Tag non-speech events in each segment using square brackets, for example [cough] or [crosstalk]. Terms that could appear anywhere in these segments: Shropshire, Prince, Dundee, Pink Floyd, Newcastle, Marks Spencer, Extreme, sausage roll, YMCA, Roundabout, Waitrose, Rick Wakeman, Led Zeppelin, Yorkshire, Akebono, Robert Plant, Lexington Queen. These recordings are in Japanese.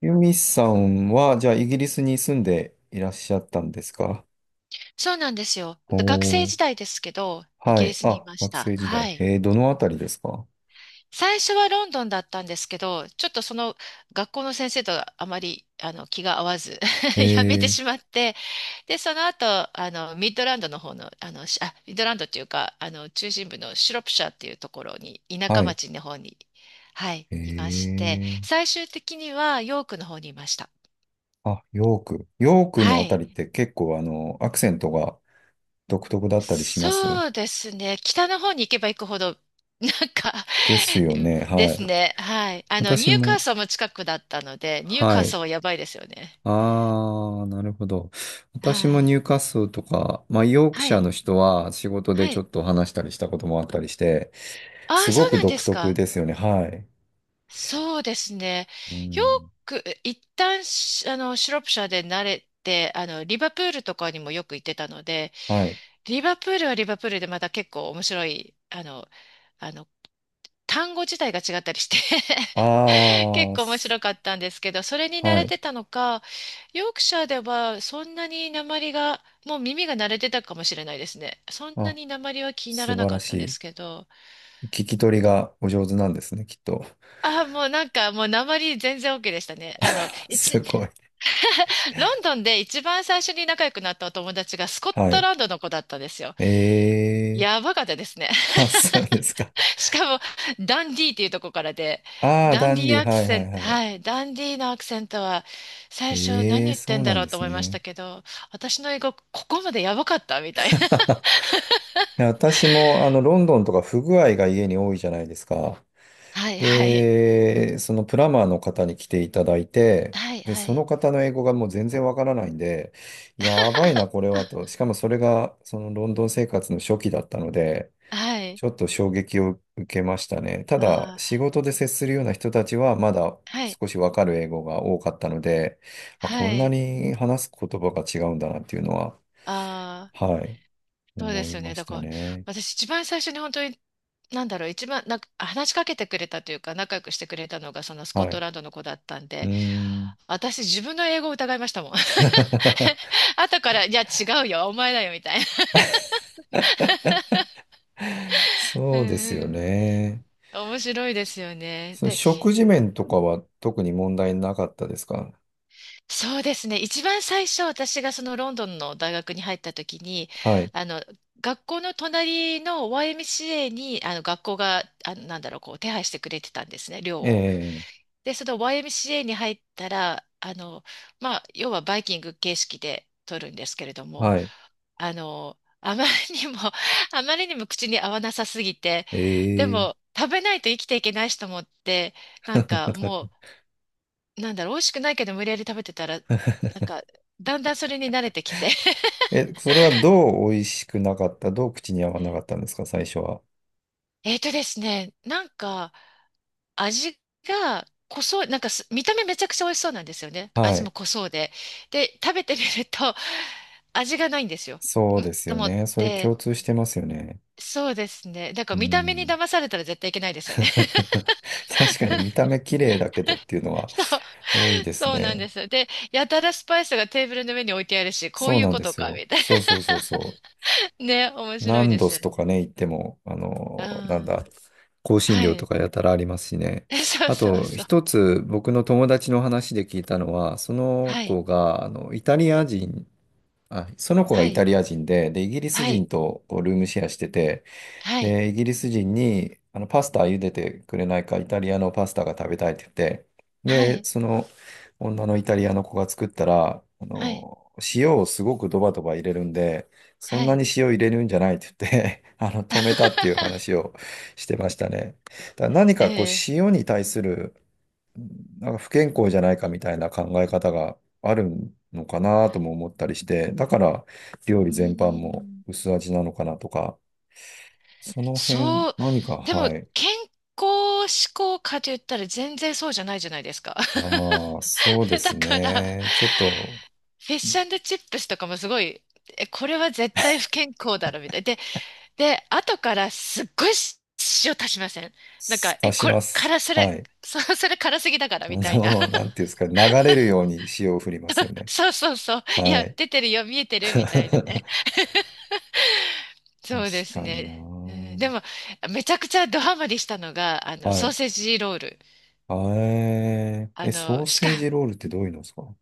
ユミさんは、じゃあ、イギリスに住んでいらっしゃったんですか？そうなんですよ。学生お時ー。代ですけど、イはギリい。スにいあ、まし学た。生時は代。い。どのあたりですか？最初はロンドンだったんですけど、ちょっとその学校の先生とあまり気が合わず え [laughs] やめてー。しまって、で、その後、ミッドランドの方の、ミッドランドっていうか、中心部のシロプシャーっていうところに、田舎はい。町の方に、はい、いまえして、ー、最終的にはヨークの方にいました。あ、ヨーク。ヨークのはあたい。りって結構、アクセントが独特だったりしますそうですね。北の方に行けば行くほど、[laughs] なんかですよね。ではい。すね。はい。ニ私ューカーも、ソルも近くだったので、ニューはカーい。ソルはやばいですよね。あー、なるほど。私はもい。ニューカッスルとか、まあ、ヨークはシャーい。の人は仕事ではちょっい。と話したりしたこともあったりして、ああ、すそごうくなんで独す特か。ですよね。はい。そうですね。うよん。く、一旦し、あの、シュロップシャーで慣れて、リバプールとかにもよく行ってたので、はい。リバプールはリバプールでまた結構面白い、あの、単語自体が違ったりして [laughs] あ結あ構面白かったんですけど、それに慣はれい。てたのか、ヨークシャーではそんなに鉛が、もう耳が慣れてたかもしれないですね。そんなあ、に鉛は気になら素な晴からっしたでい。すけど。聞き取りがお上手なんですね、きっと。あ、もうなんかもう鉛全然 OK でしたね。[laughs] すごい。ロンドンで一番最初に仲良くなったお友達がスコッはトい。ランドの子だったんですよ。ええやばかったですね。ー。[laughs] あ、そうですか。しかも、ダンディーっていうとこからで、ああ、ダダンデンィーディ、アクはいセはいント、はい。はい、ダンディーのアクセントは、最初何ええー、言っそてんうなだんろでうとす思いましね。たけど、私の英語、ここまでやばかったみたいな。[laughs] いや私も、ロンドンとか不具合が家に多いじゃないですか。[laughs] はい、はい。で、そのプランマーの方に来ていただいて、はい、で、はそい。の方の英語がもう全然わからないんで、やばいな、こ [laughs] れはと。しかもそれが、そのロンドン生活の初期だったので、はい。ちょっと衝撃を受けましたね。ただ、あ仕あ、事で接するような人たちは、まだはい、少しわかる英語が多かったので、まあ、こはんない。に話す言葉が違うんだなっていうのは、あー、はい、そうで思すいよまね。しだかたら、ね。私一番最初に本当に、なんだろう、一番、なんか、話しかけてくれたというか、仲良くしてくれたのが、そのスコッはトい。ランドの子だったんうーで、ん。私自分の英語を疑いましたもん。[laughs] [laughs] 後から、いや、違うよ、お前だよ、みたいな。[laughs] うそうですよーん。ね。面白いですよね。そので、食事面とかは特に問題なかったですか？そうですね。一番最初、私がそのロンドンの大学に入った時に、はい。あの、学校の隣の YMCA に、学校が、手配してくれてたんですね、寮えを。え、で、その YMCA に入ったら、まあ、要はバイキング形式で取るんですけれども、はい。あまりにも [laughs] あまりにも口に合わなさすぎて、えでえ。も食べないと生きていけないしと思って、なんかも [laughs] う、なんだろう、美味しくないけど無理やり食べてたら、なんか、だんだんそれに慣れてきて。[laughs] え、それはどう美味しくなかった、どう口に合わなかったんですか、最初は。えーとですね、なんか、味が濃そう、なんかす見た目めちゃくちゃ美味しそうなんですよね。は味もい。濃そうで。で、食べてみると、[laughs] 味がないんですよ。そうんですとよ思っね。それ共て、通してますよね。そうですね。だかうら見た目にん。騙されたら絶対いけないですよね。[laughs] 確かに見た目綺麗だけどっていうの [laughs] はそう、多いですそうなんでね。す。で、やたらスパイスがテーブルの上に置いてあるし、こうそういうなんこでとすか、よ。みたいそうそうそうそう。な。[laughs] ね、面ナ白いンでドすスよとね。かね、行っても、あうの、なんだ、ん。香辛は料とい。かやたらありますしね。[laughs] そうあそうと、そう。一つ僕の友達の話で聞いたのは、そのはい。子が、イタリア人、あ、その子がはイい。タリア人で、イギリスはい。人とこうルームシェアしてて、はい。で、イギリス人に、パスタ茹でてくれないか、イタリアのパスタが食べたいって言って、はで、い。その女のイタリアの子が作ったら、はい。塩をすごくドバドバ入れるんで、そはんない。に塩入れるんじゃないって言って [laughs] 止めたっていう話 [laughs] をしてましたね。だから何かこう、え塩に対する、なんか不健康じゃないかみたいな考え方があるのかなとも思ったりして、だから料ー、理う全般ーもん。薄味なのかなとか、その辺、そう。何か、でも、はい。健康志向かと言ったら全然そうじゃないじゃないですか。ああ、そうで [laughs] だすから、ね。ちょっと、フィッシュチップスとかもすごい、え、これは絶対不健康だろ、みたいな。で、後からすっごい塩足しません？なんか、え、足しこれ、ます。辛それ、はい。そ、[laughs] それ辛すぎだか [laughs] らみたいな。[laughs] なんていうんですか、流れるように塩を振りますよね。そうそうそう。いはや、い。出てるよ、見えて [laughs] るみたいな確ね。そうですかにな。ね。うん、でも、めちゃくちゃドハマりしたのが、はソーい。セージロール。あえ、ソの、ーしか、セージロールってどういうのですか？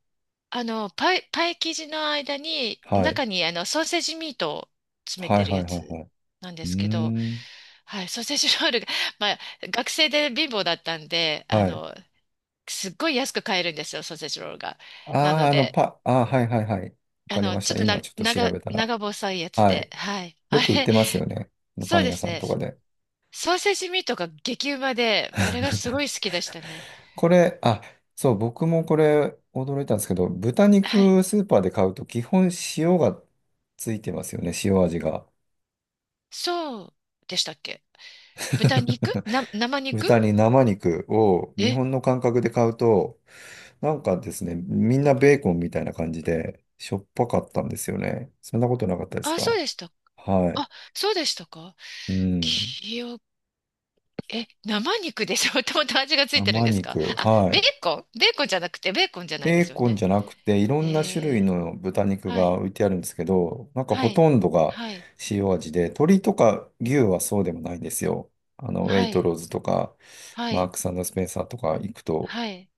あの、パイ、パイ生地の間に、はい。中に、ソーセージミートを詰めはているはいやはいつはい。なんでうすけど、ーん。はい、ソーセージロールが、まあ、学生で貧乏だったんで、はい。すっごい安く買えるんですよ、ソーセージロールが。あなのあ、で、ああ、はいはいはい。わあかりの、ましちょた。っと今な、ちょっと調長、べたら。長細いやつはで、い。はい。よあく売っれ、てますよね。パそうンで屋すさんね。とかで。ソーセージミートが激うまで、まああれがすごい好きでしたね。これ、あ、そう、僕もこれ驚いたんですけど、豚はい。肉スーパーで買うと基本塩がついてますよね、塩味が。そうでしたっけ？豚肉 [laughs] な、生肉、豚に生肉を日え、本の感覚で買うと、なんかですね、みんなベーコンみたいな感じでしょっぱかったんですよね。そんなことなかったですあ、そうか？でした。はい。あ、そうでしたか？うん。記憶、え、生肉でしょ？ [laughs] もともと味がついてるん生ですか？肉。あ、はベーい。コンベーコンじゃなくて、ベーコンじゃないでベーすよコンね。じゃなくて、いろえんな種ー、類の豚肉はがい。置いてあるんですけど、なんかはほい。とんどがはい。塩味で、鶏とか牛はそうでもないんですよ。ウェはイトい。ローズとか、はマーい、クススペンサーとか行くと、はい。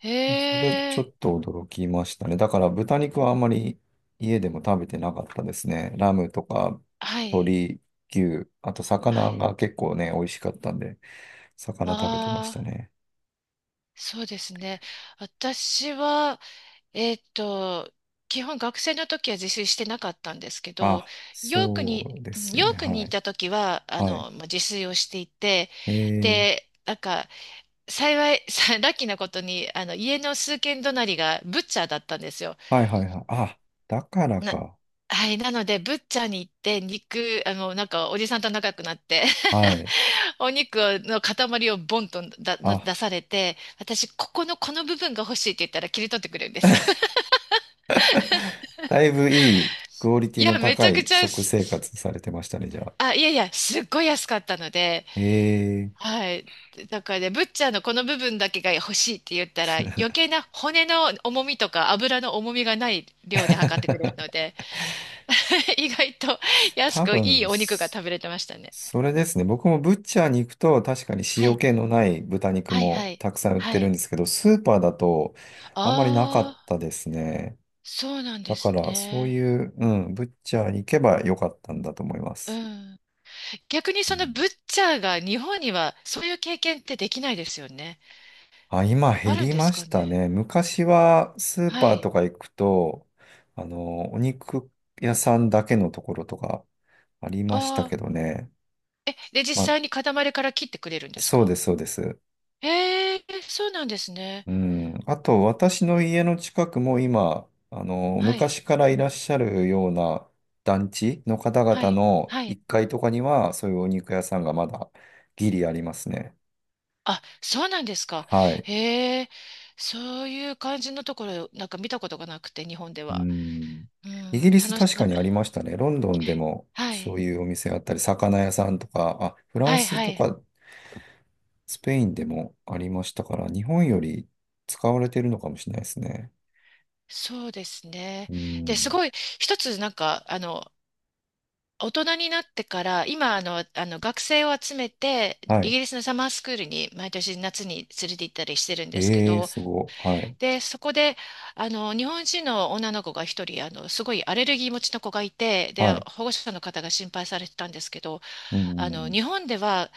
へそれちょえ、っと驚きましたね。だから豚肉はあんまり家でも食べてなかったですね。ラムとかはい、鶏、牛、あとは魚い。が結構ね、美味しかったんで、魚食べてましたああ、ね。そうですね。私は、えっと、基本学生の時は自炊してなかったんですけど、あ、ヨークに、そうでうんすよヨね。ークはにいい。た時は、はい。まあ自炊をしていて、えーで、なんか、幸い、さラッキーなことに、家の数軒隣がブッチャーだったんですよ。はいはいはい。あ、だからな、か。はい、なので、ブッチャーに行って、肉、なんか、おじさんと仲良くなって はい。[laughs] お肉の塊をボンとあ、出されて、私、ここの、この部分が欲しいって言ったら切り取ってくれるんですよ。[laughs] だいぶいいクオリテいィのや、めち高ゃくいちゃ食す、生す活されてましたね、じゃあ。あ、いやいや、すっごい安かったので、ええ。 はい。だからね、ブッチャーのこの部分だけが欲しいって言ったら、余計な骨の重みとか油の重みがない量で測ってくれるの [laughs] で、[laughs] 意外と安多くいい分、お肉が食べれてましたね。れですね。僕もブッチャーに行くと確かには塩い気のない豚肉はいはもい。たくさん売っはてるんい。ですけど、スーパーだとあんまりなかあっあ、たですね。そうなんだでかすらそうね。いう、うん、ブッチャーに行けばよかったんだと思いまうす。ん。逆にうそのブん。ッチャーが日本にはそういう経験ってできないですよね。あ、今あ減るんりでますかしたね。ね。昔はスーはパーとい。か行くと、お肉屋さんだけのところとかありましたああ。けどね。え、で、実まあ、際に塊から切ってくれるんですそうか？です、そうです。へえ、そうなんですね。うん。あと、私の家の近くも今、はい。昔からいらっしゃるような団地の方は々い。のはい。1階とかには、そういうお肉屋さんがまだギリありますね。あ、そうなんですか？はい。へえ、そういう感じのところ、なんか見たことがなくて、日本でうは。ん。うイギん、リス楽し、確かな、にありましたね。ロンドンでもはそい。ういうお店あったり、魚屋さんとか、あ、フラはンいスはとい、かスペインでもありましたから、日本より使われてるのかもしれないですね。そうですね。うで、すん。ごい、一つなんか、大人になってから、今、学生を集めて、はイい。ギリスのサマースクールに毎年夏に連れて行ったりしてるんですけええ、ど、すごい。はい。で、そこで、日本人の女の子が一人、すごいアレルギー持ちの子がいて、で、はい。保護者の方が心配されてたんですけど、うん。日本では、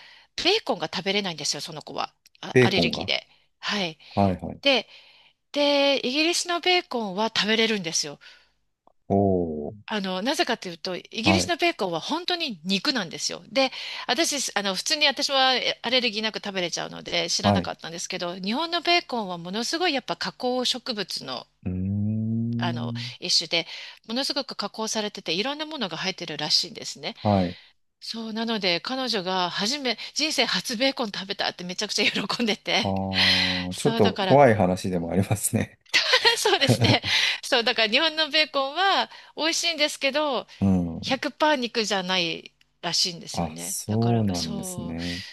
ベーコンが食べれないんですよ、その子は。あ、ベアーレコンルギーが。で。はい。はいはい。で、で、イギリスのベーコンは食べれるんですよ。おー。なぜかというと、イギはリスい。のベーコンは本当に肉なんですよ。で、私、あの、普通に私はアレルギーなく食べれちゃうので知らはない。かったんですけど、日本のベーコンはものすごいやっぱ加工植物の、うーあの、ん。一種で、ものすごく加工されてて、いろんなものが入ってるらしいんですね。はい。そう、なので、彼女が人生初ベーコン食べたってめちゃくちゃ喜んであて。ー、ちょっそう、とだから、怖い話でもありますね。[laughs] そうですね。[laughs] そう、だから日本のベーコンは美味しいんですけど、うん。100%肉じゃないらしいんですよあ、ね。だかそうら、なんですそう。ね。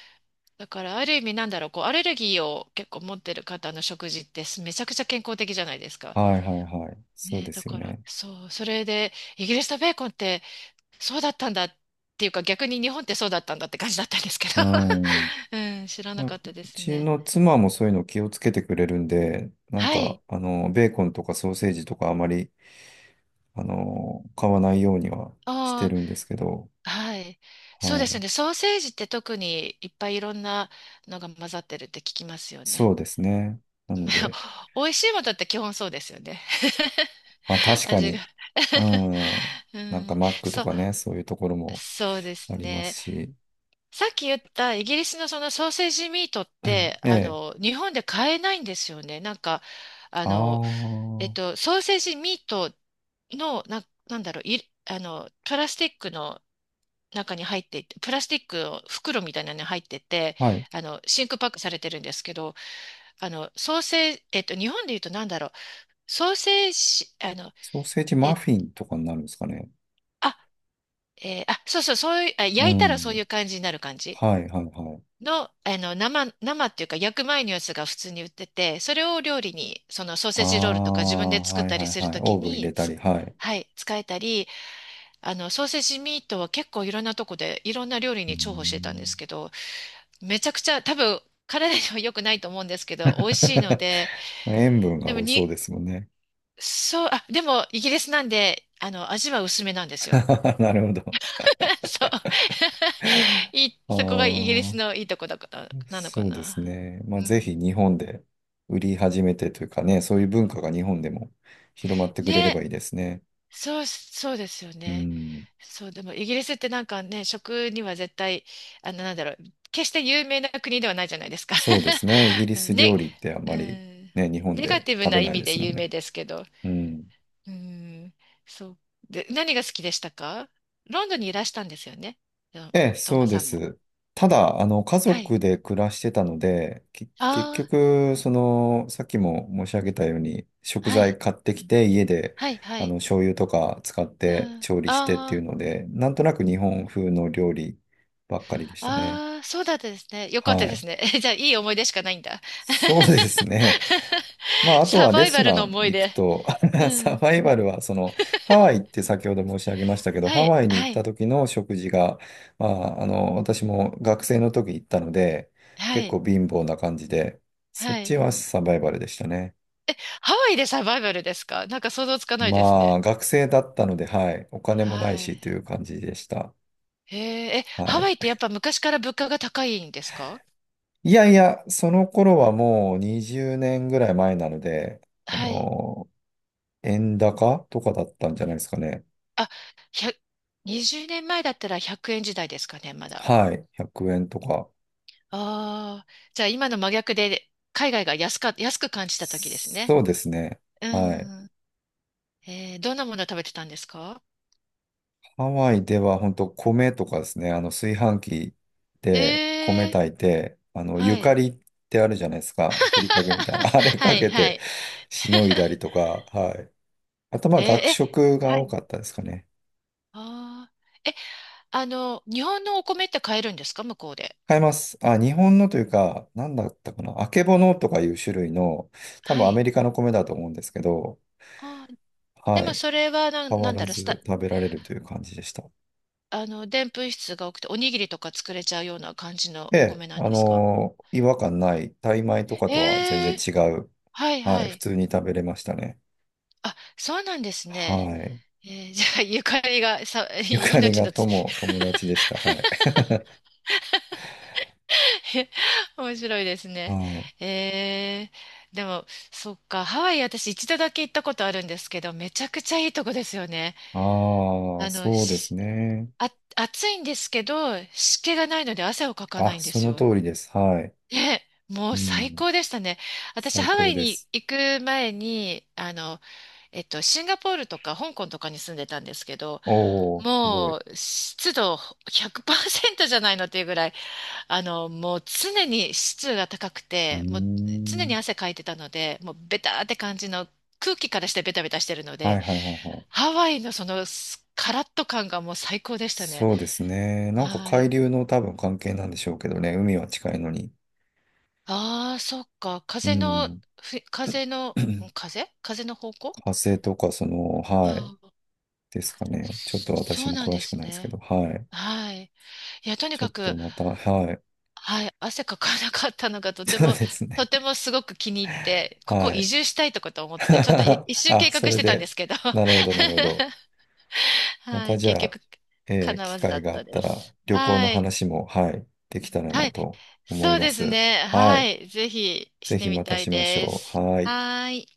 だから、ある意味なんだろう、こう、アレルギーを結構持ってる方の食事ってめちゃくちゃ健康的じゃないですか。はいはいはい。そうね、でだすよから、ね。そう。それで、イギリスのベーコンってそうだったんだっていうか、逆に日本ってそうだったんだって感じだったんですけど。うん。い [laughs] うん、知らなや、かっうたですちね。の妻もそういうの気をつけてくれるんで、なんはか、い。ベーコンとかソーセージとかあまり、買わないようにはしてあるんですけど、あ、はい。そうはですい。ね。ソーセージって特にいっぱいいろんなのが混ざってるって聞きますよそね。うですね。なので、[laughs] 美味しいものって基本そうですよね。まあ [laughs] 確か味が に、うん。[laughs] うなんかん、マックとそう、かね、そういうところもそうですありますね。し、さっき言ったイギリスのそのソーセージミートって、[clears throat] ええ。日本で買えないんですよね。なんか、あああ、の、はソーセージミートの、なんだろう、い、あの、プラスチックの中に入っていて、プラスチックの袋みたいなのに入ってて、い。真空パックされてるんですけど、ソーセージ、日本で言うとなんだろう、ソーセージ、あの、ソーセージマえ、フィンとかになるんですかね。あ、えーあ、そうそう、そういう、あ、う焼いたらそうん。いう感じになる感じはいはいはい。の、生っていうか焼く前のやつが普通に売ってて、それを料理に、そのソーセあージロールとか自分あ、で作っはいたはりいするはい。とオきーブン入に、れたり、はい。はい、使えたり、ソーセージミートは結構いろんなとこでいろんな料理うーに重宝してたんでん。 すけど、めちゃくちゃ多分体には良くないと思うんですけど、美味し [laughs] いので、塩分がでも多に、そうですもんね。そう、あ、でもイギリスなんで、味は薄めなんですよ。[laughs] なるほど。[laughs] そう。[laughs] そこがイギリスあのいいとこだから、あ、なのかそうですな。ね。まうあ、ぜひん。日本で売り始めてというかね、そういう文化が日本でも広まってくれればね、いいですね。そう、そうですようね。ん。そう、でもイギリスってなんかね、食には絶対、なんだろう、決して有名な国ではないじゃないですか。そうですね。イギリ [laughs] スね、料理ってあんまうりん、ね、日本ネガでティブ食なべ意ない味でですもん有ね。名ですけど。うん。うん、そう。で、何が好きでしたか？ロンドンにいらしたんですよね。うん、ええ、トーそマうでさんも。す。ただ、家はい。族で暮らしてたので、結あ局、さっきも申し上げたように、食あ、は材い、買ってきて、家で、はい、はい。醤油とか使っうてん。調理してっていうああ、ので、なんとなく日本風の料理ばっかりでしたね。ああ、そうだったですね。よかったはでい。すね。[laughs] じゃあ、いい思い出しかないんだ。そうですね。[laughs] [laughs] まあ、あとサはレバイストバルラのン思い行く出。と、う [laughs] サん。バイバルは、ハワイって先ほど申し上げましたけど、はハい、ワイに行はったい、時の食事が、まあ、私も学生の時行ったので、は結い、構貧乏な感じで、そっはい。ちはサバイバルでしたね。え、ハワイでサバイバルですか？なんか想像つかないですまあ、ね。学生だったので、はい、お金もないはい。しという感じでした。へえ、え、はハワイってい。やっぱ昔から物価が高いんですか？いやいや、その頃はもう20年ぐらい前なので、あはい。の、円高とかだったんじゃないですかね。あ、1 20年前だったら100円時代ですかね、まだ。はい。100円とか。ああ、じゃあ今の真逆で海外が安く感じた時ですね。そうですね。うはい。ん。どんなものを食べてたんですか？ハワイでは本当米とかですね。あの炊飯器で米えー、炊いて、ゆはかい。りってあるじゃないですか。ふりかけみたいな。[laughs] あれ [laughs] はかい、けはてい。しのい [laughs] だりとか。はい。あとまえあー、学え、食がは多い。かったですかね。あーえ、あの、日本のお米って買えるんですか、向こうで？買います。あ、日本のというか、なんだったかな。あけぼのとかいう種類の、多は分アい。メリカの米だと思うんですけど、あー、ではもい。それは変なわんらだろう、ずスタ、食べられるという感じでした。あの、でんぷん質が多くて、おにぎりとか作れちゃうような感じのえおえ、米なんですか？違和感ない、タイ米とかとは全然えー違う。はいははい、普い。通に食べれましたね。あ、そうなんですね。はい。じゃあ、ゆかりがさ、[laughs] ゆかり命がの 友達でした。はい。[laughs] 面白いです [laughs] ね。はい。えでも、そっか、ハワイ私一度だけ行ったことあるんですけど、めちゃくちゃいいとこですよね。ああ、あの、そうですしね。あ、暑いんですけど、湿気がないので汗をかかなあ、いんでそすのよ。通りです。はい。ね、もうう最ん。高でしたね。私、最ハワ高イでにす。行く前に、シンガポールとか香港とかに住んでたんですけど、おお、すごい。もうう湿度100%じゃないのっていうぐらい、もう常に湿度が高くーて、もう常にん。汗かいてたので、もうベターって感じの空気からしてベタベタしてるのはで、いはいはいはい。ハワイのそのカラッと感がもう最高でしたね。そうですね。なんかは海い。流の多分関係なんでしょうけどね。海は近いのに。ああ、そっか。う風の、ん。ふ風 [clears throat] の、火ん風風の方向、星とか、はい。ああ、ですかね。ちょっと私そうもなん詳でしくすないですけね。ど、はい。はい。いや、とにちょかっとく、また、はい。はい、汗かかなかったのが [laughs] とてそうも、ですとね。てもすごく気に入って、ここは移い。住したいとかと思って、ちょっとい [laughs] 一周あ、計そ画しれてたんでで、すけど、[laughs] なるほど、なるほど。まはたい、じ結ゃあ、局、叶機わずだ会っがあたったでら、す。旅行のはい、話も、はい、できたらはない、と思いそうまですす。ね、ははい。い、ぜひしぜてひみまたたいしましでょう。す。はい。はい。